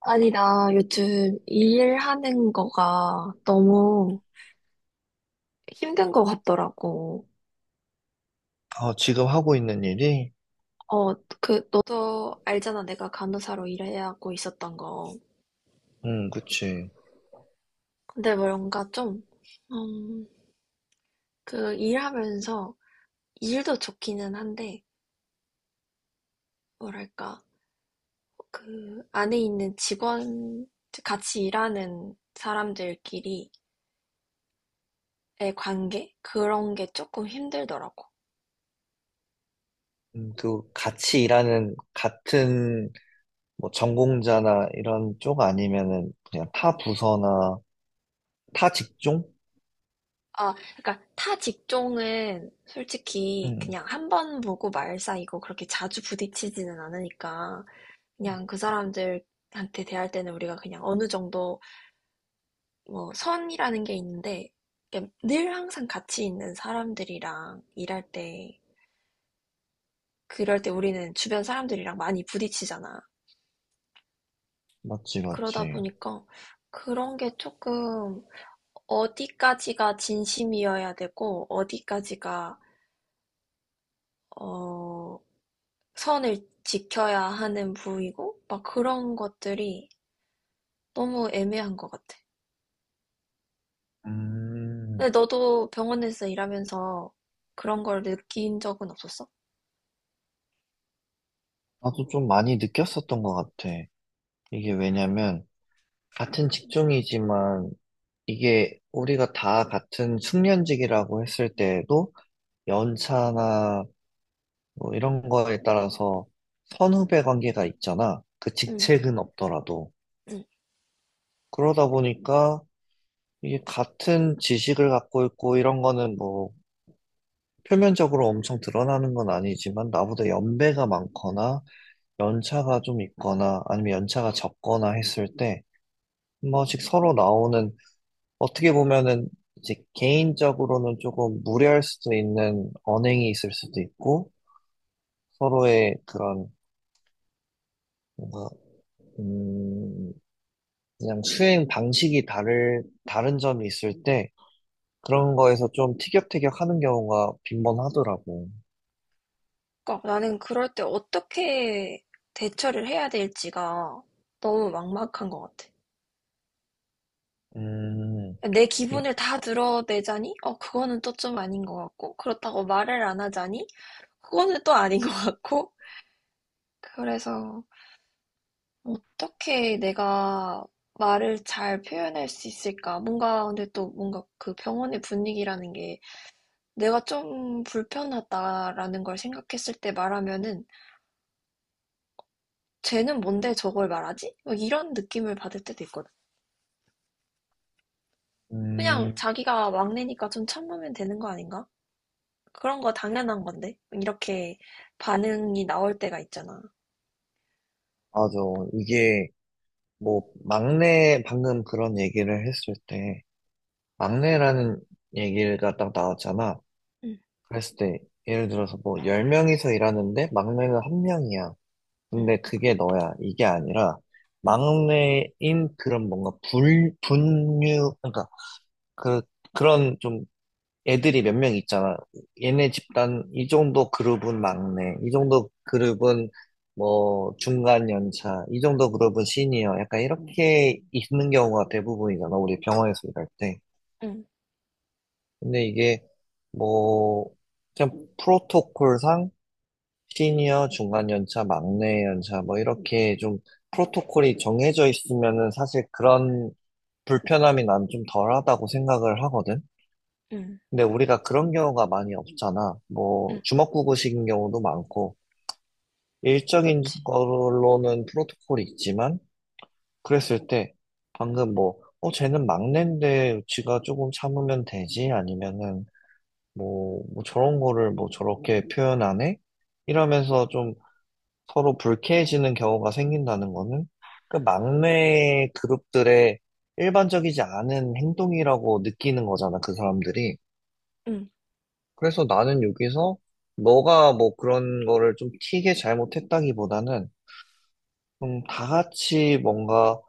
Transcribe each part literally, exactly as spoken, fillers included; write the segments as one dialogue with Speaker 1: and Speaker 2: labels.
Speaker 1: 아니, 나 요즘 이 일하는 거가 너무 힘든 거 같더라고.
Speaker 2: 어, 지금 하고 있는 일이?
Speaker 1: 어, 그, 너도 알잖아. 내가 간호사로 일하고 있었던 거.
Speaker 2: 음, 그치.
Speaker 1: 근데 뭔가 좀, 음, 그 일하면서 일도 좋기는 한데, 뭐랄까, 그 안에 있는 직원, 같이 일하는 사람들끼리의 관계? 그런 게 조금 힘들더라고.
Speaker 2: 음, 그, 같이 일하는, 같은, 뭐, 전공자나 이런 쪽 아니면은, 그냥 타 부서나, 타 직종?
Speaker 1: 아, 그러니까 타 직종은 솔직히
Speaker 2: 음,
Speaker 1: 그냥 한번 보고 말사이고 그렇게 자주 부딪히지는 않으니까 그냥 그 사람들한테 대할 때는 우리가 그냥 어느 정도 뭐 선이라는 게 있는데 그냥 늘 항상 같이 있는 사람들이랑 일할 때 그럴 때 우리는 주변 사람들이랑 많이 부딪히잖아.
Speaker 2: 맞지,
Speaker 1: 그러다
Speaker 2: 맞지.
Speaker 1: 보니까 그런 게 조금 어디까지가 진심이어야 되고 어디까지가 어 선을 지켜야 하는 부위고 막 그런 것들이 너무 애매한 것 같아.
Speaker 2: 음,
Speaker 1: 근데 너도 병원에서 일하면서 그런 걸 느낀 적은 없었어?
Speaker 2: 나도 좀 많이 느꼈었던 것 같아. 이게 왜냐면, 같은 직종이지만, 이게 우리가 다 같은 숙련직이라고 했을 때에도, 연차나 뭐 이런 거에 따라서 선후배 관계가 있잖아. 그
Speaker 1: 응,
Speaker 2: 직책은 없더라도.
Speaker 1: 응.
Speaker 2: 그러다 보니까 이게 같은 지식을 갖고 있고 이런 거는 뭐 표면적으로 엄청 드러나는 건 아니지만 나보다 연배가 많거나 연차가 좀 있거나 아니면 연차가 적거나 했을 때 한 번씩 서로 나오는 어떻게 보면은 이제 개인적으로는 조금 무례할 수도 있는 언행이 있을 수도 있고 서로의 그런 뭔가 음, 그냥 수행 방식이 다를, 다른 점이 있을 때 그런 거에서 좀 티격태격 하는 경우가 빈번하더라고.
Speaker 1: 그러니까 나는 그럴 때 어떻게 대처를 해야 될지가 너무 막막한 것 같아.
Speaker 2: 음,
Speaker 1: 내
Speaker 2: 이-
Speaker 1: 기분을 다 드러내자니? 어, 그거는 또 좀 아닌 것 같고, 그렇다고 말을 안 하자니? 그거는 또 아닌 것 같고, 그래서 어떻게 내가 말을 잘 표현할 수 있을까? 뭔가, 근데 또 뭔가 그 병원의 분위기라는 게 내가 좀 불편하다라는 걸 생각했을 때 말하면은 쟤는 뭔데 저걸 말하지? 막 이런 느낌을 받을 때도 있거든. 그냥
Speaker 2: 음,
Speaker 1: 자기가 막내니까 좀 참으면 되는 거 아닌가? 그런 거 당연한 건데. 이렇게 반응이 나올 때가 있잖아.
Speaker 2: 맞아. 이게 뭐 막내, 방금 그런 얘기를 했을 때 막내라는 얘기가 딱 나왔잖아.
Speaker 1: 응,
Speaker 2: 그랬을 때 예를 들어서 뭐 열 명이서 일하는데 막내는 한 명이야.
Speaker 1: 응,
Speaker 2: 근데 그게 너야. 이게 아니라
Speaker 1: 응,
Speaker 2: 막내인 그런 뭔가 불, 분류, 그러니까 그 그런 좀 애들이 몇 명 있잖아. 얘네 집단, 이 정도 그룹은 막내, 이 정도 그룹은 뭐 중간 연차, 이 정도 그룹은 시니어. 약간 이렇게 있는 경우가 대부분이잖아. 우리 병원에서 일할 때.
Speaker 1: 응,
Speaker 2: 근데 이게 뭐, 그냥 프로토콜상 시니어, 중간 연차, 막내 연차, 뭐 이렇게 좀 프로토콜이 정해져 있으면은 사실 그런 불편함이 난 좀 덜하다고 생각을 하거든.
Speaker 1: 응,
Speaker 2: 근데 우리가 그런 경우가 많이 없잖아. 뭐,
Speaker 1: 응,
Speaker 2: 주먹구구식인 경우도 많고, 일정인
Speaker 1: 그치.
Speaker 2: 걸로는 프로토콜이 있지만, 그랬을 때, 방금 뭐, 어, 쟤는 막내인데, 지가 조금 참으면 되지? 아니면은, 뭐, 뭐 저런 거를 뭐 저렇게 표현하네? 이러면서 좀 서로 불쾌해지는 경우가 생긴다는 거는, 그 막내 그룹들의 일반적이지 않은 행동이라고 느끼는 거잖아, 그 사람들이.
Speaker 1: 응,
Speaker 2: 그래서 나는 여기서 너가 뭐 그런 거를 좀 튀게 잘못했다기보다는 좀 다 같이 뭔가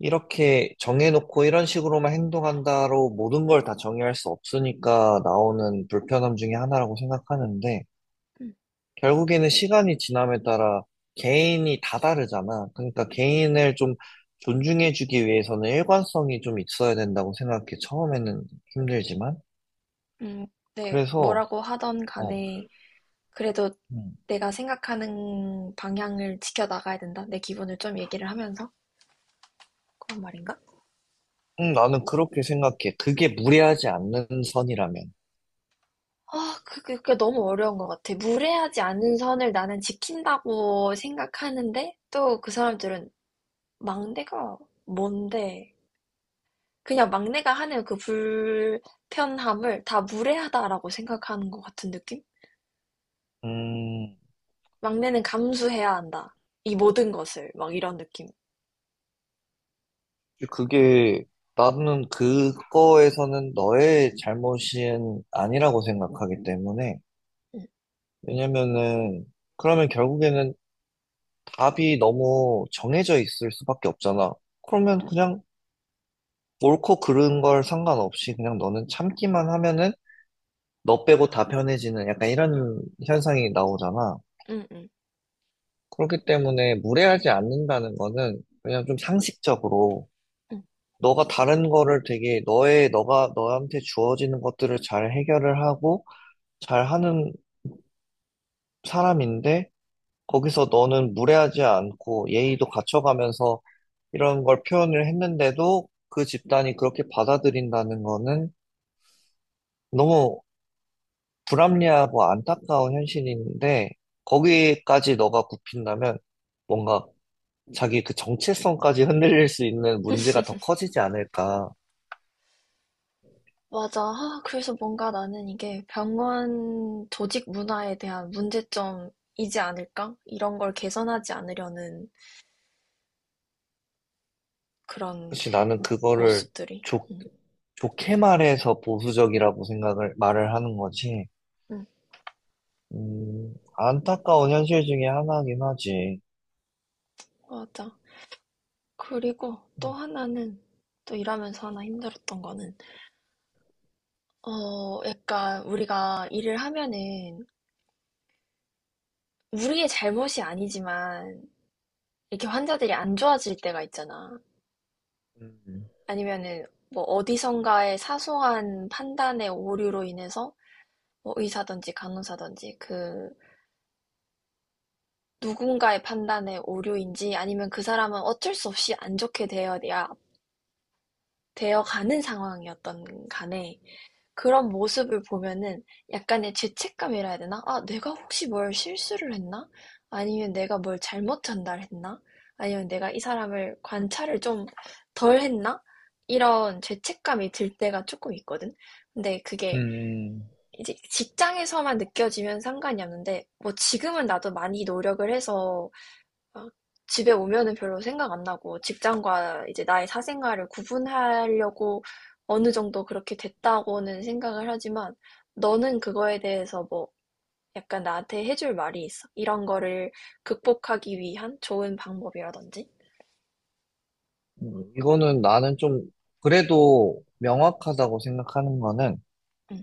Speaker 2: 이렇게 정해놓고 이런 식으로만 행동한다로 모든 걸 다 정의할 수 없으니까 나오는 불편함 중에 하나라고 생각하는데
Speaker 1: 응,
Speaker 2: 결국에는 시간이 지남에 따라 개인이 다 다르잖아. 그러니까 개인을 좀 존중해주기 위해서는 일관성이 좀 있어야 된다고 생각해. 처음에는 힘들지만.
Speaker 1: 응. 네,
Speaker 2: 그래서,
Speaker 1: 뭐라고 하던
Speaker 2: 어.
Speaker 1: 간에 그래도
Speaker 2: 음.
Speaker 1: 내가 생각하는 방향을 지켜나가야 된다. 내 기분을 좀 얘기를 하면서 그런 말인가?
Speaker 2: 음, 나는 그렇게 생각해. 그게 무례하지 않는 선이라면.
Speaker 1: 아, 그게, 그게 너무 어려운 것 같아. 무례하지 않은 선을 나는 지킨다고 생각하는데 또 그 사람들은 막내가 뭔데? 그냥 막내가 하는 그 불편함을 다 무례하다라고 생각하는 것 같은 느낌?
Speaker 2: 음,
Speaker 1: 막내는 감수해야 한다. 이 모든 것을 막 이런 느낌.
Speaker 2: 그게, 나는 그거에서는 너의 잘못은 아니라고 생각하기 때문에.
Speaker 1: 응,
Speaker 2: 왜냐면은, 그러면 결국에는 답이 너무 정해져 있을 수밖에 없잖아. 그러면 그냥 옳고 그른 걸 상관없이 그냥 너는 참기만 하면은 너 빼고 다 편해지는 약간 이런 현상이 나오잖아.
Speaker 1: 응, 응,
Speaker 2: 그렇기 때문에 무례하지 않는다는 거는 그냥 좀 상식적으로
Speaker 1: 응.
Speaker 2: 너가 다른 거를 되게 너의 너가 너한테 주어지는 것들을 잘 해결을 하고 잘 하는 사람인데 거기서 너는 무례하지 않고 예의도 갖춰가면서 이런 걸 표현을 했는데도 그 집단이 그렇게 받아들인다는 거는 너무 불합리하고 안타까운 현실인데 거기까지 너가 굽힌다면 뭔가 자기 그 정체성까지 흔들릴 수 있는 문제가 더 커지지 않을까.
Speaker 1: 맞아. 아, 그래서 뭔가 나는 이게 병원 조직 문화에 대한 문제점이지 않을까? 이런 걸 개선하지 않으려는 그런
Speaker 2: 사실 나는 그거를
Speaker 1: 모습들이.
Speaker 2: 좋
Speaker 1: 응,
Speaker 2: 좋게 말해서 보수적이라고 생각을, 말을 하는 거지.
Speaker 1: 응,
Speaker 2: 음, 안타까운 현실 중에 하나긴 하지.
Speaker 1: 맞아. 그리고 또 하나는, 또 일하면서 하나 힘들었던 거는, 어, 약간 우리가 일을 하면은, 우리의 잘못이 아니지만, 이렇게 환자들이 안 좋아질 때가 있잖아.
Speaker 2: 음,
Speaker 1: 아니면은, 뭐 어디선가의 사소한 판단의 오류로 인해서 뭐 의사든지 간호사든지 그 누군가의 판단의 오류인지 아니면 그 사람은 어쩔 수 없이 안 좋게 되어야 되어가는 상황이었던 간에 그런 모습을 보면은 약간의 죄책감이라 해야 되나? 아, 내가 혹시 뭘 실수를 했나? 아니면 내가 뭘 잘못 전달했나? 아니면 내가 이 사람을 관찰을 좀 덜 했나? 이런 죄책감이 들 때가 조금 있거든. 근데 그게
Speaker 2: 음,
Speaker 1: 이제 직장에서만 느껴지면 상관이 없는데 뭐 지금은 나도 많이 노력을 해서 막 집에 오면은 별로 생각 안 나고 직장과 이제 나의 사생활을 구분하려고 어느 정도 그렇게 됐다고는 생각을 하지만 너는 그거에 대해서 뭐 약간 나한테 해줄 말이 있어? 이런 거를 극복하기 위한 좋은 방법이라든지?
Speaker 2: 음, 이거는 나는 좀, 그래도 명확하다고 생각하는 거는,
Speaker 1: 응,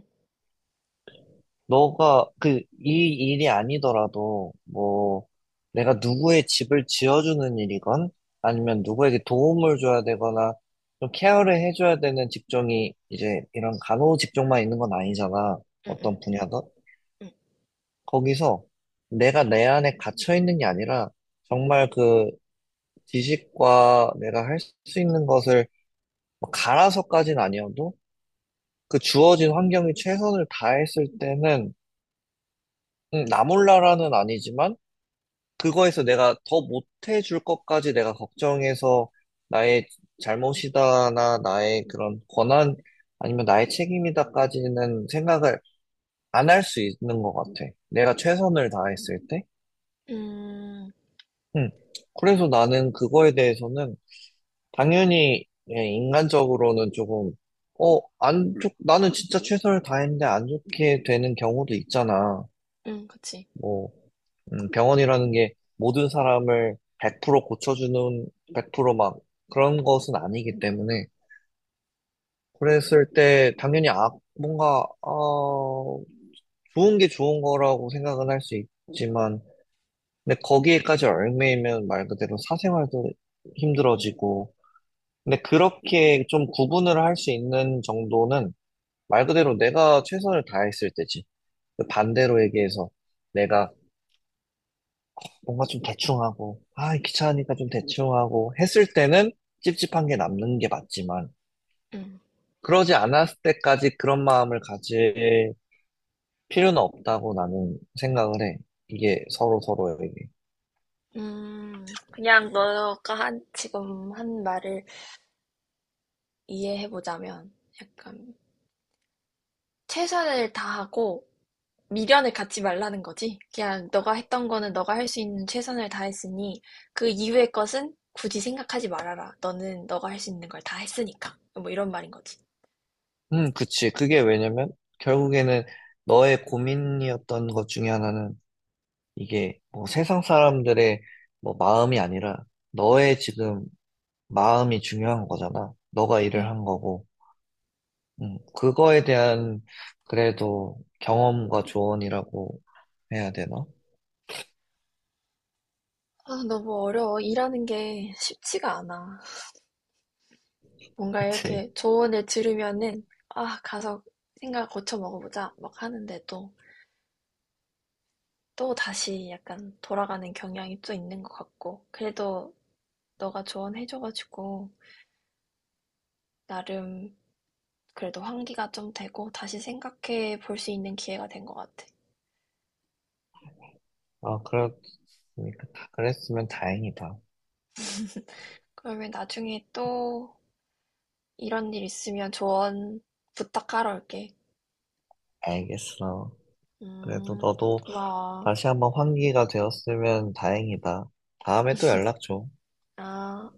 Speaker 2: 너가, 그, 이 일이 아니더라도, 뭐, 내가 누구의 집을 지어주는 일이건, 아니면 누구에게 도움을 줘야 되거나, 좀 케어를 해줘야 되는 직종이, 이제, 이런 간호 직종만 있는 건 아니잖아.
Speaker 1: 응, 응,
Speaker 2: 어떤 분야든.
Speaker 1: 응.
Speaker 2: 거기서 내가 내 안에 갇혀 있는 게 아니라 정말 그 지식과 내가 할 수 있는 것을 뭐 갈아서까지는 아니어도 그 주어진 환경이 최선을 다했을 때는 음, 나 몰라라는 아니지만 그거에서 내가 더 못해줄 것까지 내가 걱정해서 나의 잘못이다나 나의 그런 권한 아니면 나의 책임이다까지는 생각을 안 할 수 있는 것 같아. 내가 최선을 다했을 때.
Speaker 1: 음,
Speaker 2: 음. 그래서 나는 그거에 대해서는 당연히 예, 인간적으로는 조금 어, 안 좋, 나는 진짜 최선을 다했는데 안 좋게 되는 경우도 있잖아.
Speaker 1: 응, 그치.
Speaker 2: 뭐 음, 병원이라는 게 모든 사람을 백 퍼센트 고쳐주는 백 퍼센트 막 그런 것은 아니기 때문에 그랬을 때 당연히 아, 뭔가 어, 좋은 게 좋은 거라고 생각은 할 수 있지만 근데 거기에까지 얽매이면 말 그대로 사생활도 힘들어지고 근데 그렇게 좀 구분을 할 수 있는 정도는 말 그대로 내가 최선을 다했을 때지. 그 반대로 얘기해서 내가 뭔가 좀 대충하고, 아, 귀찮으니까 좀 대충하고 했을 때는 찝찝한 게 남는 게 맞지만,
Speaker 1: 응.
Speaker 2: 그러지 않았을 때까지 그런 마음을 가질 필요는 없다고 나는 생각을 해. 이게 서로 서로에게.
Speaker 1: 음, 그냥 너가 한, 지금 한 말을 이해해보자면 약간 최선을 다하고 미련을 갖지 말라는 거지. 그냥 너가 했던 거는 너가 할 수 있는 최선을 다했으니 그 이후의 것은 굳이 생각하지 말아라. 너는 너가 할 수 있는 걸 다 했으니까. 뭐 이런 말인 거지.
Speaker 2: 음, 그치. 그게 왜냐면 결국에는 너의 고민이었던 것 중에 하나는 이게 뭐 세상 사람들의 뭐 마음이 아니라 너의 지금 마음이 중요한 거잖아. 너가 일을
Speaker 1: 응.
Speaker 2: 한 거고. 음, 그거에 대한 그래도 경험과 조언이라고 해야 되나?
Speaker 1: 아, 너무 어려워. 일하는 게 쉽지가 않아. 뭔가
Speaker 2: 그치?
Speaker 1: 이렇게 조언을 들으면은 아, 가서 생각 고쳐 먹어보자 막 하는데도 또 다시 약간 돌아가는 경향이 또 있는 것 같고. 그래도 너가 조언해줘가지고 나름 그래도 환기가 좀 되고 다시 생각해 볼 수 있는 기회가 된 것 같아.
Speaker 2: 아, 그렇으니까 다 그랬으면 다행이다.
Speaker 1: 그러면 나중에 또 이런 일 있으면 조언 부탁하러 올게.
Speaker 2: 알겠어. 그래도
Speaker 1: 음,
Speaker 2: 너도
Speaker 1: 고마워.
Speaker 2: 다시 한번 환기가 되었으면 다행이다. 다음에 또 연락 줘.
Speaker 1: 아.